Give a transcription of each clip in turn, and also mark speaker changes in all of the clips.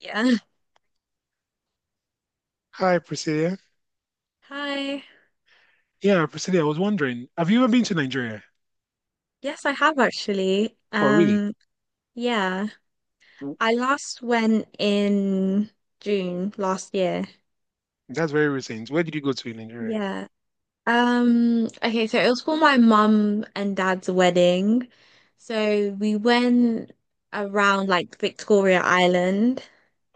Speaker 1: Yeah.
Speaker 2: Hi, Priscilla.
Speaker 1: Hi.
Speaker 2: Yeah, Priscilla, I was wondering, have you ever been to Nigeria?
Speaker 1: Yes, I have actually.
Speaker 2: Oh, really?
Speaker 1: Yeah.
Speaker 2: W-
Speaker 1: I last went in June last year.
Speaker 2: That's very recent. Where did you go to in Nigeria?
Speaker 1: Yeah. Okay, so it was for my mum and dad's wedding. So we went around like Victoria Island.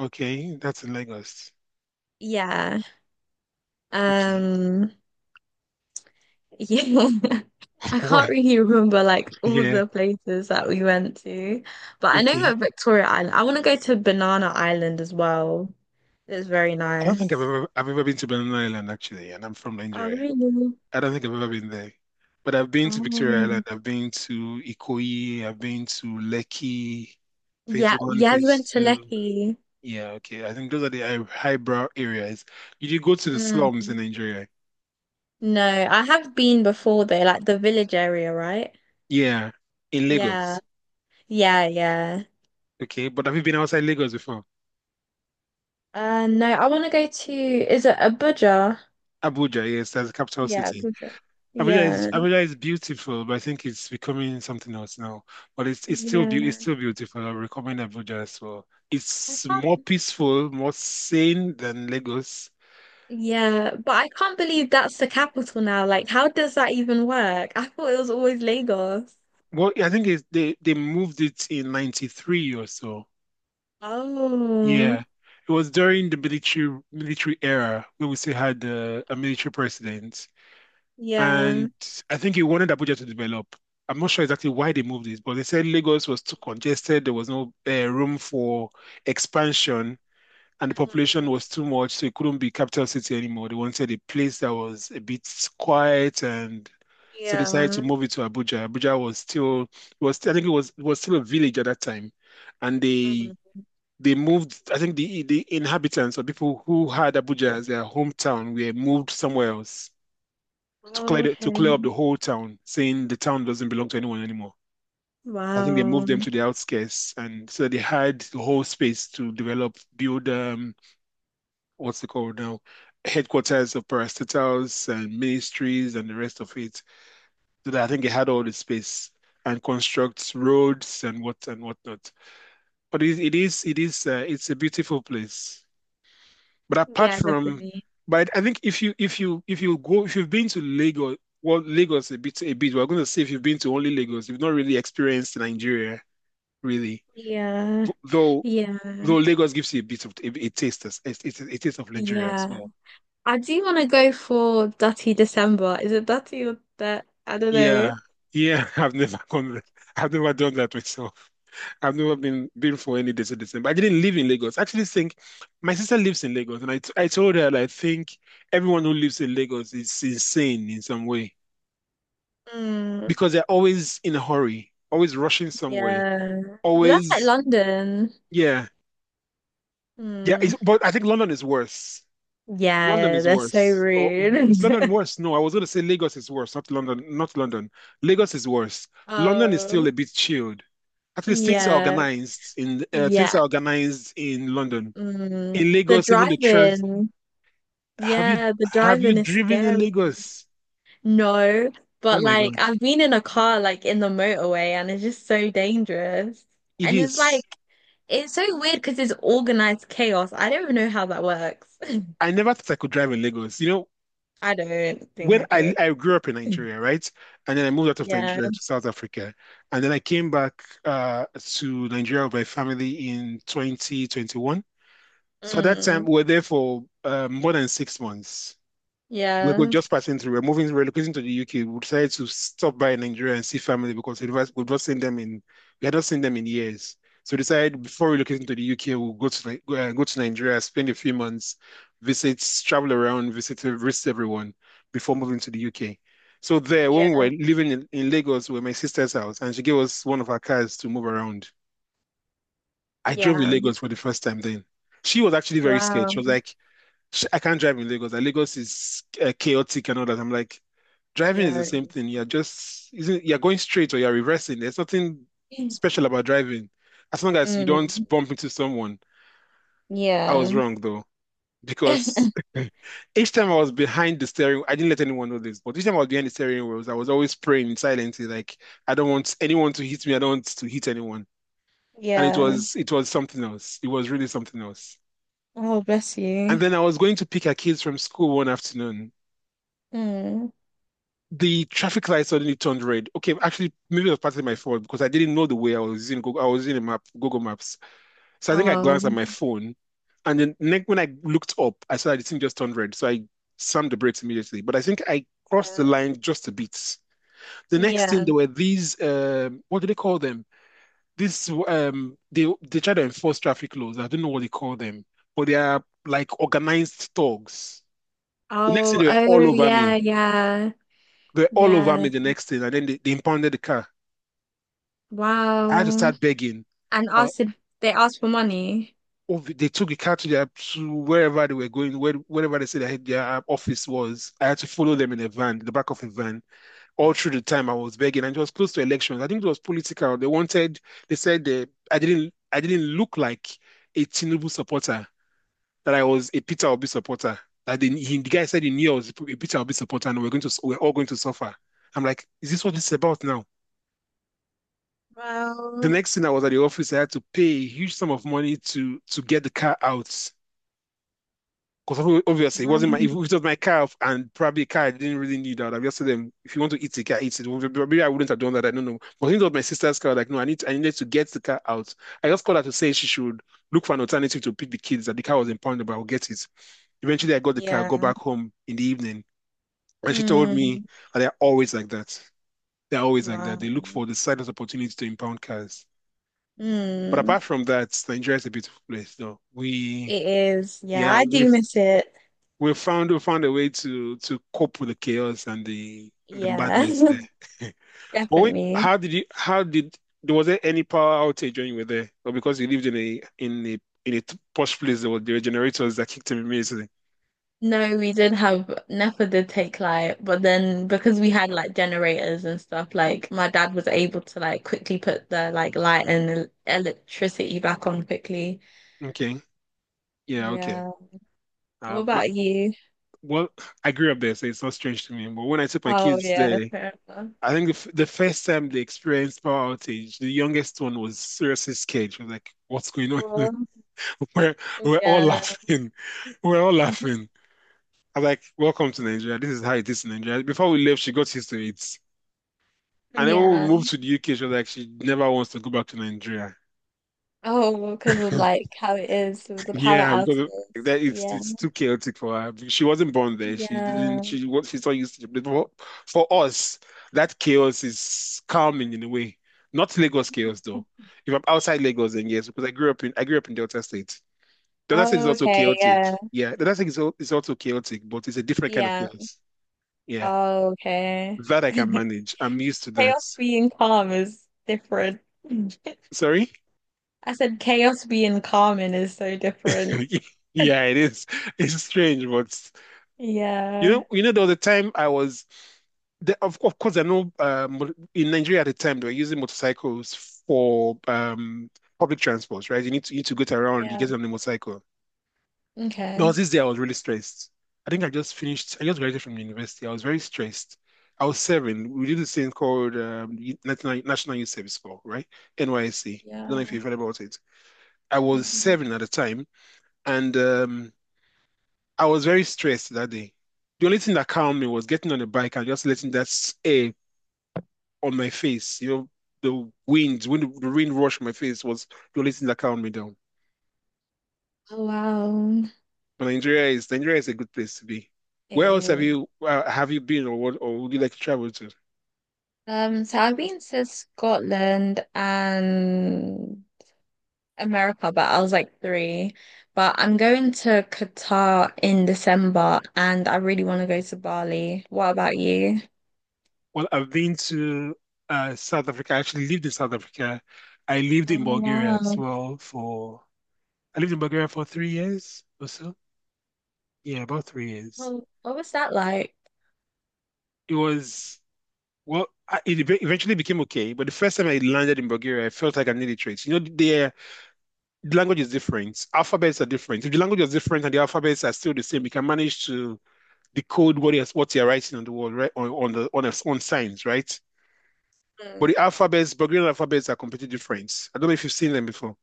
Speaker 2: Okay, that's in Lagos.
Speaker 1: Yeah.
Speaker 2: Okay.
Speaker 1: Um, Yeah. I can't
Speaker 2: Why?
Speaker 1: really remember like all
Speaker 2: Yeah,
Speaker 1: the places that we went to, but I know we
Speaker 2: okay.
Speaker 1: at Victoria Island. I want to go to Banana Island as well. It's very
Speaker 2: I don't think I've
Speaker 1: nice.
Speaker 2: ever I've ever been to Banana Island actually, and I'm from
Speaker 1: Oh,
Speaker 2: Nigeria.
Speaker 1: really?
Speaker 2: I don't think I've ever been there. But I've been to Victoria Island,
Speaker 1: Oh.
Speaker 2: I've been to Ikoyi, I've been to Lekki, phase
Speaker 1: Yeah,
Speaker 2: one,
Speaker 1: yeah, we went
Speaker 2: phase
Speaker 1: to
Speaker 2: two.
Speaker 1: Lecky.
Speaker 2: Yeah, okay. I think those are the high highbrow areas. Did you go to the slums in
Speaker 1: Mm.
Speaker 2: Nigeria?
Speaker 1: No, I have been before though, like the village area, right?
Speaker 2: Yeah, in
Speaker 1: Yeah,
Speaker 2: Lagos.
Speaker 1: yeah, yeah.
Speaker 2: Okay, but have you been outside Lagos before?
Speaker 1: No, I want to go to, is it Abuja?
Speaker 2: Abuja, yes, that's the capital
Speaker 1: Yeah,
Speaker 2: city.
Speaker 1: Abuja.
Speaker 2: Abuja is
Speaker 1: Yeah,
Speaker 2: Abuja is beautiful, but I think it's becoming something else now. But it's
Speaker 1: yeah.
Speaker 2: still beautiful. I recommend Abuja as well.
Speaker 1: I
Speaker 2: It's more
Speaker 1: can't
Speaker 2: peaceful, more sane than Lagos.
Speaker 1: Yeah, but I can't believe that's the capital now. Like, how does that even work? I thought it was always Lagos.
Speaker 2: Well, I think it's, they moved it in '93 or so.
Speaker 1: Oh,
Speaker 2: Yeah, it was during the military era where we still had a military president. And
Speaker 1: yeah.
Speaker 2: I think he wanted Abuja to develop. I'm not sure exactly why they moved it, but they said Lagos was too congested. There was no room for expansion, and the population
Speaker 1: Mm,
Speaker 2: was too much, so it couldn't be capital city anymore. They wanted a place that was a bit quiet, and so they decided to
Speaker 1: yeah.
Speaker 2: move it to Abuja. Abuja was still it was I think it was still a village at that time, and they
Speaker 1: Mm.
Speaker 2: they moved. I think the inhabitants or people who had Abuja as their hometown were moved somewhere else to
Speaker 1: Okay.
Speaker 2: clear up the whole town, saying the town doesn't belong to anyone anymore. I think they moved
Speaker 1: Wow.
Speaker 2: them to the outskirts, and so they had the whole space to develop, build what's it called now, headquarters of parastatals and ministries and the rest of it. So that I think they had all the space and construct roads and whatnot. But it is it's a beautiful place. But apart
Speaker 1: Yeah,
Speaker 2: from,
Speaker 1: definitely.
Speaker 2: but I think if you if you if you go if you've been to Lagos, well, Lagos a bit. We're going to say if you've been to only Lagos, you've not really experienced Nigeria really.
Speaker 1: Yeah.
Speaker 2: Th- Though though
Speaker 1: Yeah.
Speaker 2: Lagos gives you a bit of a taste as a taste of Nigeria as
Speaker 1: Yeah.
Speaker 2: well.
Speaker 1: I do want to go for Dirty December. Is it Dirty or that? I don't
Speaker 2: Yeah,
Speaker 1: know.
Speaker 2: yeah. I've never gone there. I've never done that myself. I've never been for any desert December. I didn't live in Lagos. I actually think my sister lives in Lagos, and I told her that I think everyone who lives in Lagos is insane in some way,
Speaker 1: Mm.
Speaker 2: because they're always in a hurry, always rushing somewhere,
Speaker 1: Yeah. But that's like
Speaker 2: always,
Speaker 1: London.
Speaker 2: yeah, yeah. It's,
Speaker 1: Mm.
Speaker 2: but I think London is worse. London
Speaker 1: Yeah,
Speaker 2: is
Speaker 1: that's so
Speaker 2: worse. Or is London
Speaker 1: rude.
Speaker 2: worse? No, I was going to say Lagos is worse, not London, not London. Lagos is worse. London is still
Speaker 1: Oh,
Speaker 2: a bit chilled. At least
Speaker 1: yeah,
Speaker 2: things
Speaker 1: yeah.
Speaker 2: are organized in London.
Speaker 1: Mm,
Speaker 2: In
Speaker 1: the
Speaker 2: Lagos, even the trans.
Speaker 1: drive-in.
Speaker 2: Have you
Speaker 1: Yeah, the
Speaker 2: have you
Speaker 1: drive-in is
Speaker 2: driven in
Speaker 1: scary.
Speaker 2: Lagos?
Speaker 1: No,
Speaker 2: Oh
Speaker 1: but
Speaker 2: my God,
Speaker 1: I've been in a car like in the motorway, and it's just so dangerous.
Speaker 2: it
Speaker 1: And it's like
Speaker 2: is.
Speaker 1: it's so weird because it's organized chaos. I don't even know how that works.
Speaker 2: I never thought I could drive in Lagos. You know,
Speaker 1: I don't think
Speaker 2: when
Speaker 1: I
Speaker 2: I
Speaker 1: could.
Speaker 2: I grew up in Nigeria, right? And then I moved out of
Speaker 1: Yeah.
Speaker 2: Nigeria to South Africa. And then I came back to Nigeria with my family in 2021. So at that time
Speaker 1: Mm,
Speaker 2: we were there for more than 6 months. We were
Speaker 1: yeah.
Speaker 2: just passing through. We're moving, relocating to the UK. We decided to stop by in Nigeria and see family because we had not seen them in years. So we decided before relocating to the UK, we'll go to Nigeria, spend a few months, visit, travel around, visit everyone before moving to the UK. So there, when we
Speaker 1: Yeah.
Speaker 2: were living in Lagos, we were my sister's house, and she gave us one of her cars to move around. I drove in
Speaker 1: Yeah.
Speaker 2: Lagos for the first time then. She was actually very scared. She was
Speaker 1: Wow.
Speaker 2: like, I can't drive in Lagos. Like, Lagos is chaotic and all that. I'm like, driving is the
Speaker 1: Yeah.
Speaker 2: same thing. You're just isn't you're going straight or you're reversing. There's nothing special about driving, as long as you
Speaker 1: Mm,
Speaker 2: don't bump into someone. I was
Speaker 1: yeah.
Speaker 2: wrong though, because each time I was behind the steering, I didn't let anyone know this, but each time I was behind the steering wheels, I was always praying silently, like I don't want anyone to hit me. I don't want to hit anyone. And it
Speaker 1: Yeah.
Speaker 2: was it was something else. It was really something else.
Speaker 1: Oh, bless
Speaker 2: And
Speaker 1: you.
Speaker 2: then I was going to pick her kids from school one afternoon.
Speaker 1: Mm.
Speaker 2: The traffic light suddenly turned red. Okay, actually, maybe it was partly my fault because I didn't know the way. I was using Google. I was using a map, Google Maps. So I think I
Speaker 1: Oh,
Speaker 2: glanced at my phone, and then next when I looked up, I saw that the thing just turned red. So I slammed the brakes immediately. But I think I crossed the
Speaker 1: yeah.
Speaker 2: line just a bit. The next thing
Speaker 1: Yeah.
Speaker 2: there were these what do they call them? This they try to enforce traffic laws. I don't know what they call them, but they are like organized thugs. The next thing
Speaker 1: Oh,
Speaker 2: they were
Speaker 1: oh,
Speaker 2: all over
Speaker 1: yeah,
Speaker 2: me.
Speaker 1: yeah,
Speaker 2: They were all over
Speaker 1: yeah.
Speaker 2: me the next thing, and then they impounded the car. I had to
Speaker 1: Wow.
Speaker 2: start begging.
Speaker 1: And
Speaker 2: Uh,
Speaker 1: asked if they asked for money.
Speaker 2: they took the car to their to wherever they were going, wherever they said their office was. I had to follow them in a van, the back of a van, all through the time I was begging. And it was close to elections. I think it was political. They wanted. They said they, I didn't. I didn't look like a Tinubu supporter. That I was a Peter Obi supporter. That the guy said he knew I was a Peter Obi supporter, and we're all going to suffer. I'm like, is this what this is about now? The
Speaker 1: Well,
Speaker 2: next thing I was at the office, I had to pay a huge sum of money to get the car out. Because obviously, it wasn't my,
Speaker 1: um,
Speaker 2: if it was my car and probably a car I didn't really need, I would have just told them, if you want to eat the car, eat it. Maybe I wouldn't have done that. I don't know. But since it was my sister's car, like, no, I needed to get the car out. I just called her to say she should look for an alternative to pick the kids, that the car was impounded, but I'll get it. Eventually, I got the car, go
Speaker 1: yeah.
Speaker 2: back home in the evening, and she told me,
Speaker 1: Mm.
Speaker 2: and they're always like that. They're always like that. They look
Speaker 1: Wow.
Speaker 2: for the slightest opportunity to impound cars. But
Speaker 1: Mm.
Speaker 2: apart from that, Nigeria is a beautiful place, though.
Speaker 1: It is. Yeah,
Speaker 2: Yeah,
Speaker 1: I do
Speaker 2: we've
Speaker 1: miss it.
Speaker 2: we found a way to cope with the chaos and the
Speaker 1: Yeah,
Speaker 2: madness there. But wait,
Speaker 1: definitely.
Speaker 2: how did there was there any power outage when you were there? Or because you lived in a posh place there were generators that kicked in immediately.
Speaker 1: No, we did have NEPA did take light, but then because we had like generators and stuff, like my dad was able to like quickly put the like light and electricity back on quickly.
Speaker 2: Okay. Yeah, okay.
Speaker 1: Yeah. What
Speaker 2: Uh, but,
Speaker 1: about you?
Speaker 2: well, I grew up there, so it's not strange to me. But when I took my
Speaker 1: Oh
Speaker 2: kids
Speaker 1: yeah,
Speaker 2: there,
Speaker 1: fair enough.
Speaker 2: I think the first time they experienced power outage, the youngest one was seriously scared. She was like, "What's going on?"
Speaker 1: Well,
Speaker 2: We're we're all
Speaker 1: yeah.
Speaker 2: laughing. We're all laughing. I'm like, welcome to Nigeria. This is how it is in Nigeria. Before we left, she got used to it. And then when we
Speaker 1: Yeah.
Speaker 2: moved to the UK, she was like, she never wants to go back to Nigeria.
Speaker 1: Oh, because of like how it is with the power
Speaker 2: Yeah, because
Speaker 1: outages.
Speaker 2: that it's
Speaker 1: Yeah.
Speaker 2: it's too chaotic for her. She wasn't born there. She didn't.
Speaker 1: Yeah.
Speaker 2: She what she's not used to it. But for us, that chaos is calming in a way. Not Lagos chaos though. If I'm outside Lagos, then yes, because I grew up in Delta State. Delta State is
Speaker 1: Oh,
Speaker 2: also
Speaker 1: okay.
Speaker 2: chaotic.
Speaker 1: Yeah.
Speaker 2: Yeah, Delta State is also chaotic, but it's a different kind of
Speaker 1: Yeah.
Speaker 2: chaos. Yeah.
Speaker 1: Oh, okay.
Speaker 2: That I can manage. I'm used to that.
Speaker 1: Chaos being calm is different.
Speaker 2: Sorry?
Speaker 1: I said chaos being common is so different.
Speaker 2: Yeah, it is. It's strange, but
Speaker 1: Yeah.
Speaker 2: there was a time I was of course, I know in Nigeria at the time they were using motorcycles for public transport, right? You need to get around, you
Speaker 1: Yeah.
Speaker 2: get on the motorcycle. There was
Speaker 1: Okay.
Speaker 2: this day I was really stressed. I think I just finished, I just graduated from university. I was very stressed. I was serving. We did this thing called National Youth Service Corps, right? NYSC. Don't know if you've
Speaker 1: Yeah.
Speaker 2: heard about it. I was
Speaker 1: Mm.
Speaker 2: 7 at the time, and I was very stressed that day. The only thing that calmed me was getting on the bike and just letting air on my face. You know, the wind, when the wind rushed my face was the only thing that calmed me down.
Speaker 1: Oh, wow.
Speaker 2: But Nigeria is a good place to be.
Speaker 1: It
Speaker 2: Where else
Speaker 1: is.
Speaker 2: have you been, or would you like to travel to?
Speaker 1: So I've been to Scotland and America, but I was like three. But I'm going to Qatar in December and I really want to go to Bali. What about you?
Speaker 2: Well, I've been to South Africa. I actually lived in South Africa. I lived
Speaker 1: Oh,
Speaker 2: in Bulgaria as
Speaker 1: wow.
Speaker 2: well for, I lived in Bulgaria for 3 years or so. Yeah, about 3 years.
Speaker 1: Well, what was that like?
Speaker 2: It was, well, eventually became okay. But the first time I landed in Bulgaria, I felt like an illiterate. You know, the language is different. Alphabets are different. If the language is different and the alphabets are still the same, you can manage to decode what you're writing on the wall, right? On signs, right? But
Speaker 1: Mm,
Speaker 2: the alphabets, Bulgarian alphabets are completely different. I don't know if you've seen them before.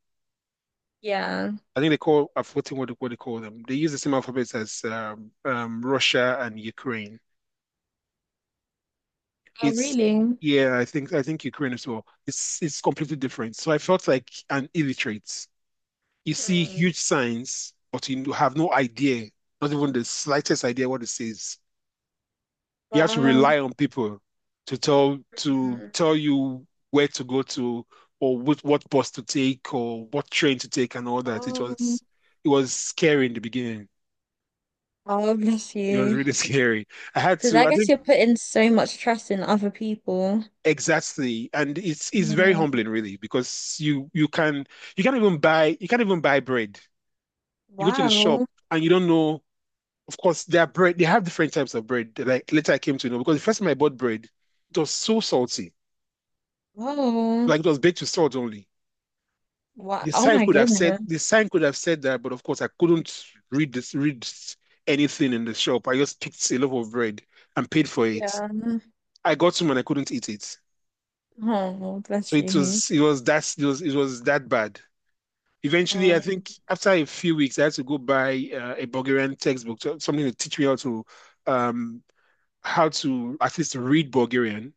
Speaker 1: yeah.
Speaker 2: I think they call, I've forgotten what, they- What they call them, they use the same alphabets as Russia and Ukraine.
Speaker 1: Oh,
Speaker 2: It's,
Speaker 1: really?
Speaker 2: yeah, I think Ukraine as well. It's completely different. So I felt like an illiterate. You see
Speaker 1: Mm,
Speaker 2: huge signs, but you have no idea, not even the slightest idea what it says. You have to
Speaker 1: wow.
Speaker 2: rely on people to
Speaker 1: Mm.
Speaker 2: tell you where to go to, or what bus to take or what train to take and all that.
Speaker 1: Oh, um,
Speaker 2: It was scary in the beginning.
Speaker 1: oh, bless
Speaker 2: It was
Speaker 1: you.
Speaker 2: really scary. I had
Speaker 1: Because
Speaker 2: to,
Speaker 1: I
Speaker 2: I
Speaker 1: guess
Speaker 2: think.
Speaker 1: you're putting so much trust in other people.
Speaker 2: Exactly. And it's very
Speaker 1: Mm,
Speaker 2: humbling really, because you can you can't even buy bread. You go to the shop
Speaker 1: wow.
Speaker 2: and you don't know. Of course, their bread they have different types of bread. Like later I came to know, because the first time I bought bread, it was so salty.
Speaker 1: Oh,
Speaker 2: Like it was baked with salt only.
Speaker 1: wow. Oh my goodness.
Speaker 2: The sign could have said that, but of course I couldn't read anything in the shop. I just picked a loaf of bread and paid for it.
Speaker 1: Yeah.
Speaker 2: I got home and I couldn't eat it.
Speaker 1: Oh,
Speaker 2: So
Speaker 1: bless
Speaker 2: it
Speaker 1: you.
Speaker 2: was, it was that it was that bad. Eventually, I
Speaker 1: Oh,
Speaker 2: think after a few weeks, I had to go buy a Bulgarian textbook, something to teach me um, how to at least read Bulgarian.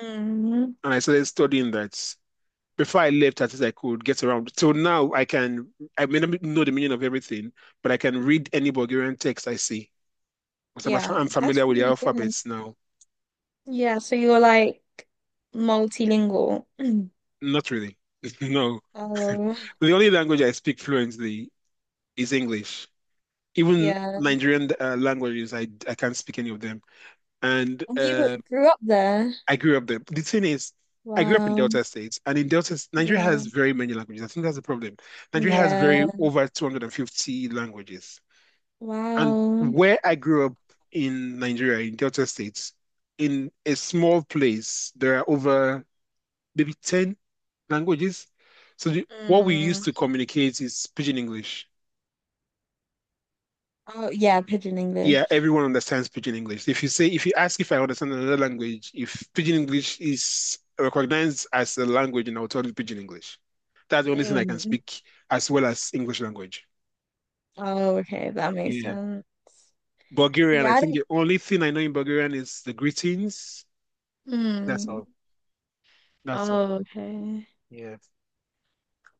Speaker 1: mm,
Speaker 2: And I started studying that. Before I left, at least I could get around. So now I can, I may not know the meaning of everything, but I can read any Bulgarian text I see. Because
Speaker 1: yeah,
Speaker 2: I'm
Speaker 1: that's
Speaker 2: familiar with the
Speaker 1: really good.
Speaker 2: alphabets now.
Speaker 1: Yeah, so you're like multilingual.
Speaker 2: Not really. No.
Speaker 1: Oh,
Speaker 2: The only language I speak fluently is English. Even
Speaker 1: yeah.
Speaker 2: Nigerian languages, I can't speak any of them. And
Speaker 1: And you grew up there.
Speaker 2: I grew up there. The thing is, I grew up in
Speaker 1: Wow.
Speaker 2: Delta State, and in Delta, Nigeria
Speaker 1: Yeah.
Speaker 2: has very many languages. I think that's the problem. Nigeria has
Speaker 1: Yeah.
Speaker 2: very over 250 languages. And
Speaker 1: Wow.
Speaker 2: where I grew up in Nigeria, in Delta States, in a small place, there are over maybe 10 languages. So what we used
Speaker 1: Mm,
Speaker 2: to communicate is Pidgin English.
Speaker 1: Oh, yeah, Pigeon
Speaker 2: Yeah,
Speaker 1: English.
Speaker 2: everyone understands Pidgin English. If you ask if I understand another language, if Pidgin English is recognized as a language, then I'll tell you Pidgin English. That's the only thing I can
Speaker 1: Mm,
Speaker 2: speak, as well as English language.
Speaker 1: oh, okay, that makes
Speaker 2: Yeah.
Speaker 1: sense.
Speaker 2: Bulgarian,
Speaker 1: Yeah,
Speaker 2: I
Speaker 1: I
Speaker 2: think
Speaker 1: didn't.
Speaker 2: the only thing I know in Bulgarian is the greetings. That's
Speaker 1: Hmm.
Speaker 2: all. That's all.
Speaker 1: Oh, okay.
Speaker 2: Yeah.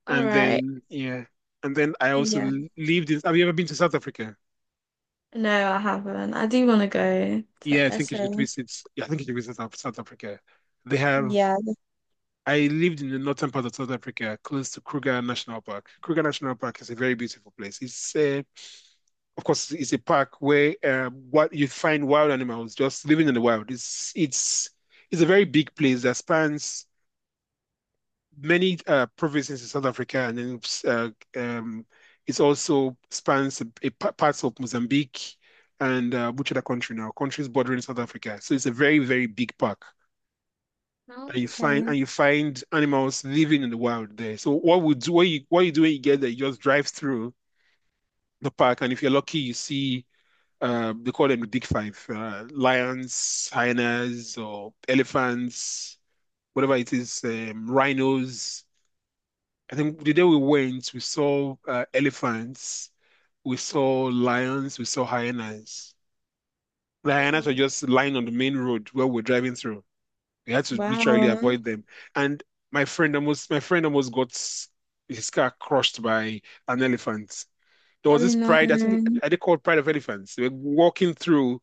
Speaker 1: All
Speaker 2: And
Speaker 1: right.
Speaker 2: then, yeah. And then I also
Speaker 1: Yeah.
Speaker 2: lived in — have you ever been to South Africa?
Speaker 1: No, I haven't. I do want to go
Speaker 2: Yeah, I
Speaker 1: to
Speaker 2: think you should
Speaker 1: SA.
Speaker 2: visit. Yeah, I think you should visit South Africa. They have —
Speaker 1: Yeah.
Speaker 2: I lived in the northern part of South Africa, close to Kruger National Park. Kruger National Park is a very beautiful place. It's, of course, it's a park where what you find wild animals just living in the wild. It's it's a very big place that spans many provinces in South Africa, and then uh, um, it also spans a parts of Mozambique and which other country now? Countries bordering South Africa. So it's a very very big park.
Speaker 1: Oh, okay.
Speaker 2: And you find animals living in the wild there. So what you do when you get there, you just drive through the park, and if you're lucky, you see they call them the big five: lions, hyenas, or elephants, whatever it is, rhinos. I think the day we went, we saw elephants, we saw lions, we saw hyenas. The hyenas were
Speaker 1: Mm,
Speaker 2: just lying on the main road where we're driving through. We had to literally
Speaker 1: wow.
Speaker 2: avoid them. And my friend almost got his car crushed by an elephant. There
Speaker 1: Oh
Speaker 2: was this
Speaker 1: no.
Speaker 2: pride — I think, are they called pride of elephants? They were walking through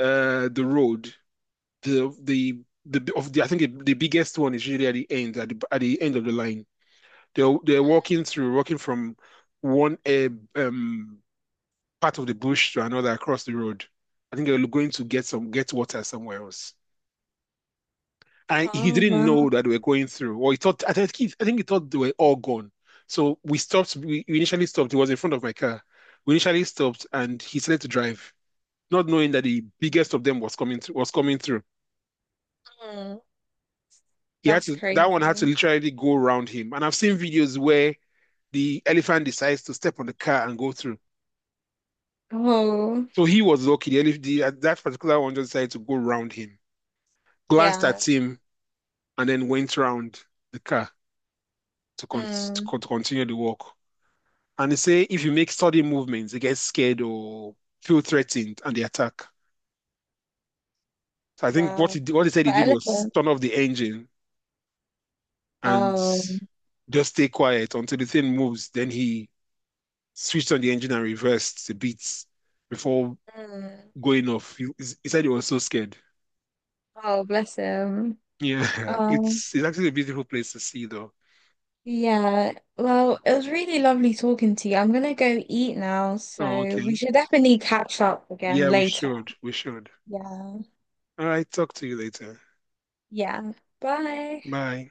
Speaker 2: the road. The of the I think The biggest one is usually at the end of the line. They're walking through, walking from one um part of the bush to another across the road. I think they were going to get water somewhere else. And he
Speaker 1: Oh
Speaker 2: didn't know
Speaker 1: wow.
Speaker 2: that we were going through. Or he thought, I think he thought they were all gone. So we stopped. We initially stopped. He was in front of my car. We initially stopped, and he started to drive, not knowing that the biggest of them was coming through. Was coming through.
Speaker 1: Mm.
Speaker 2: He had
Speaker 1: That's
Speaker 2: to. That one had to
Speaker 1: crazy.
Speaker 2: literally go around him. And I've seen videos where the elephant decides to step on the car and go through.
Speaker 1: Oh
Speaker 2: So he was lucky. The, elef- the That particular one just decided to go around him, glanced
Speaker 1: yeah.
Speaker 2: at him, and then went around the car to
Speaker 1: Mm,
Speaker 2: continue the walk. And they say if you make sudden movements, they get scared or feel threatened and they attack. So I think
Speaker 1: wow.
Speaker 2: what he said
Speaker 1: For
Speaker 2: he did was
Speaker 1: elephant.
Speaker 2: turn off the engine and
Speaker 1: Oh.
Speaker 2: just stay quiet until the thing moves. Then he switched on the engine and reversed the beats before
Speaker 1: Mm.
Speaker 2: going off. He said he was so scared.
Speaker 1: Oh, bless him.
Speaker 2: Yeah,
Speaker 1: Um,
Speaker 2: it's actually a beautiful place to see though.
Speaker 1: yeah. Well, it was really lovely talking to you. I'm gonna go eat now,
Speaker 2: Oh,
Speaker 1: so we
Speaker 2: okay.
Speaker 1: should definitely catch up again
Speaker 2: Yeah, we
Speaker 1: later.
Speaker 2: should. We should.
Speaker 1: Yeah.
Speaker 2: All right, talk to you later.
Speaker 1: Yeah. Bye.
Speaker 2: Bye.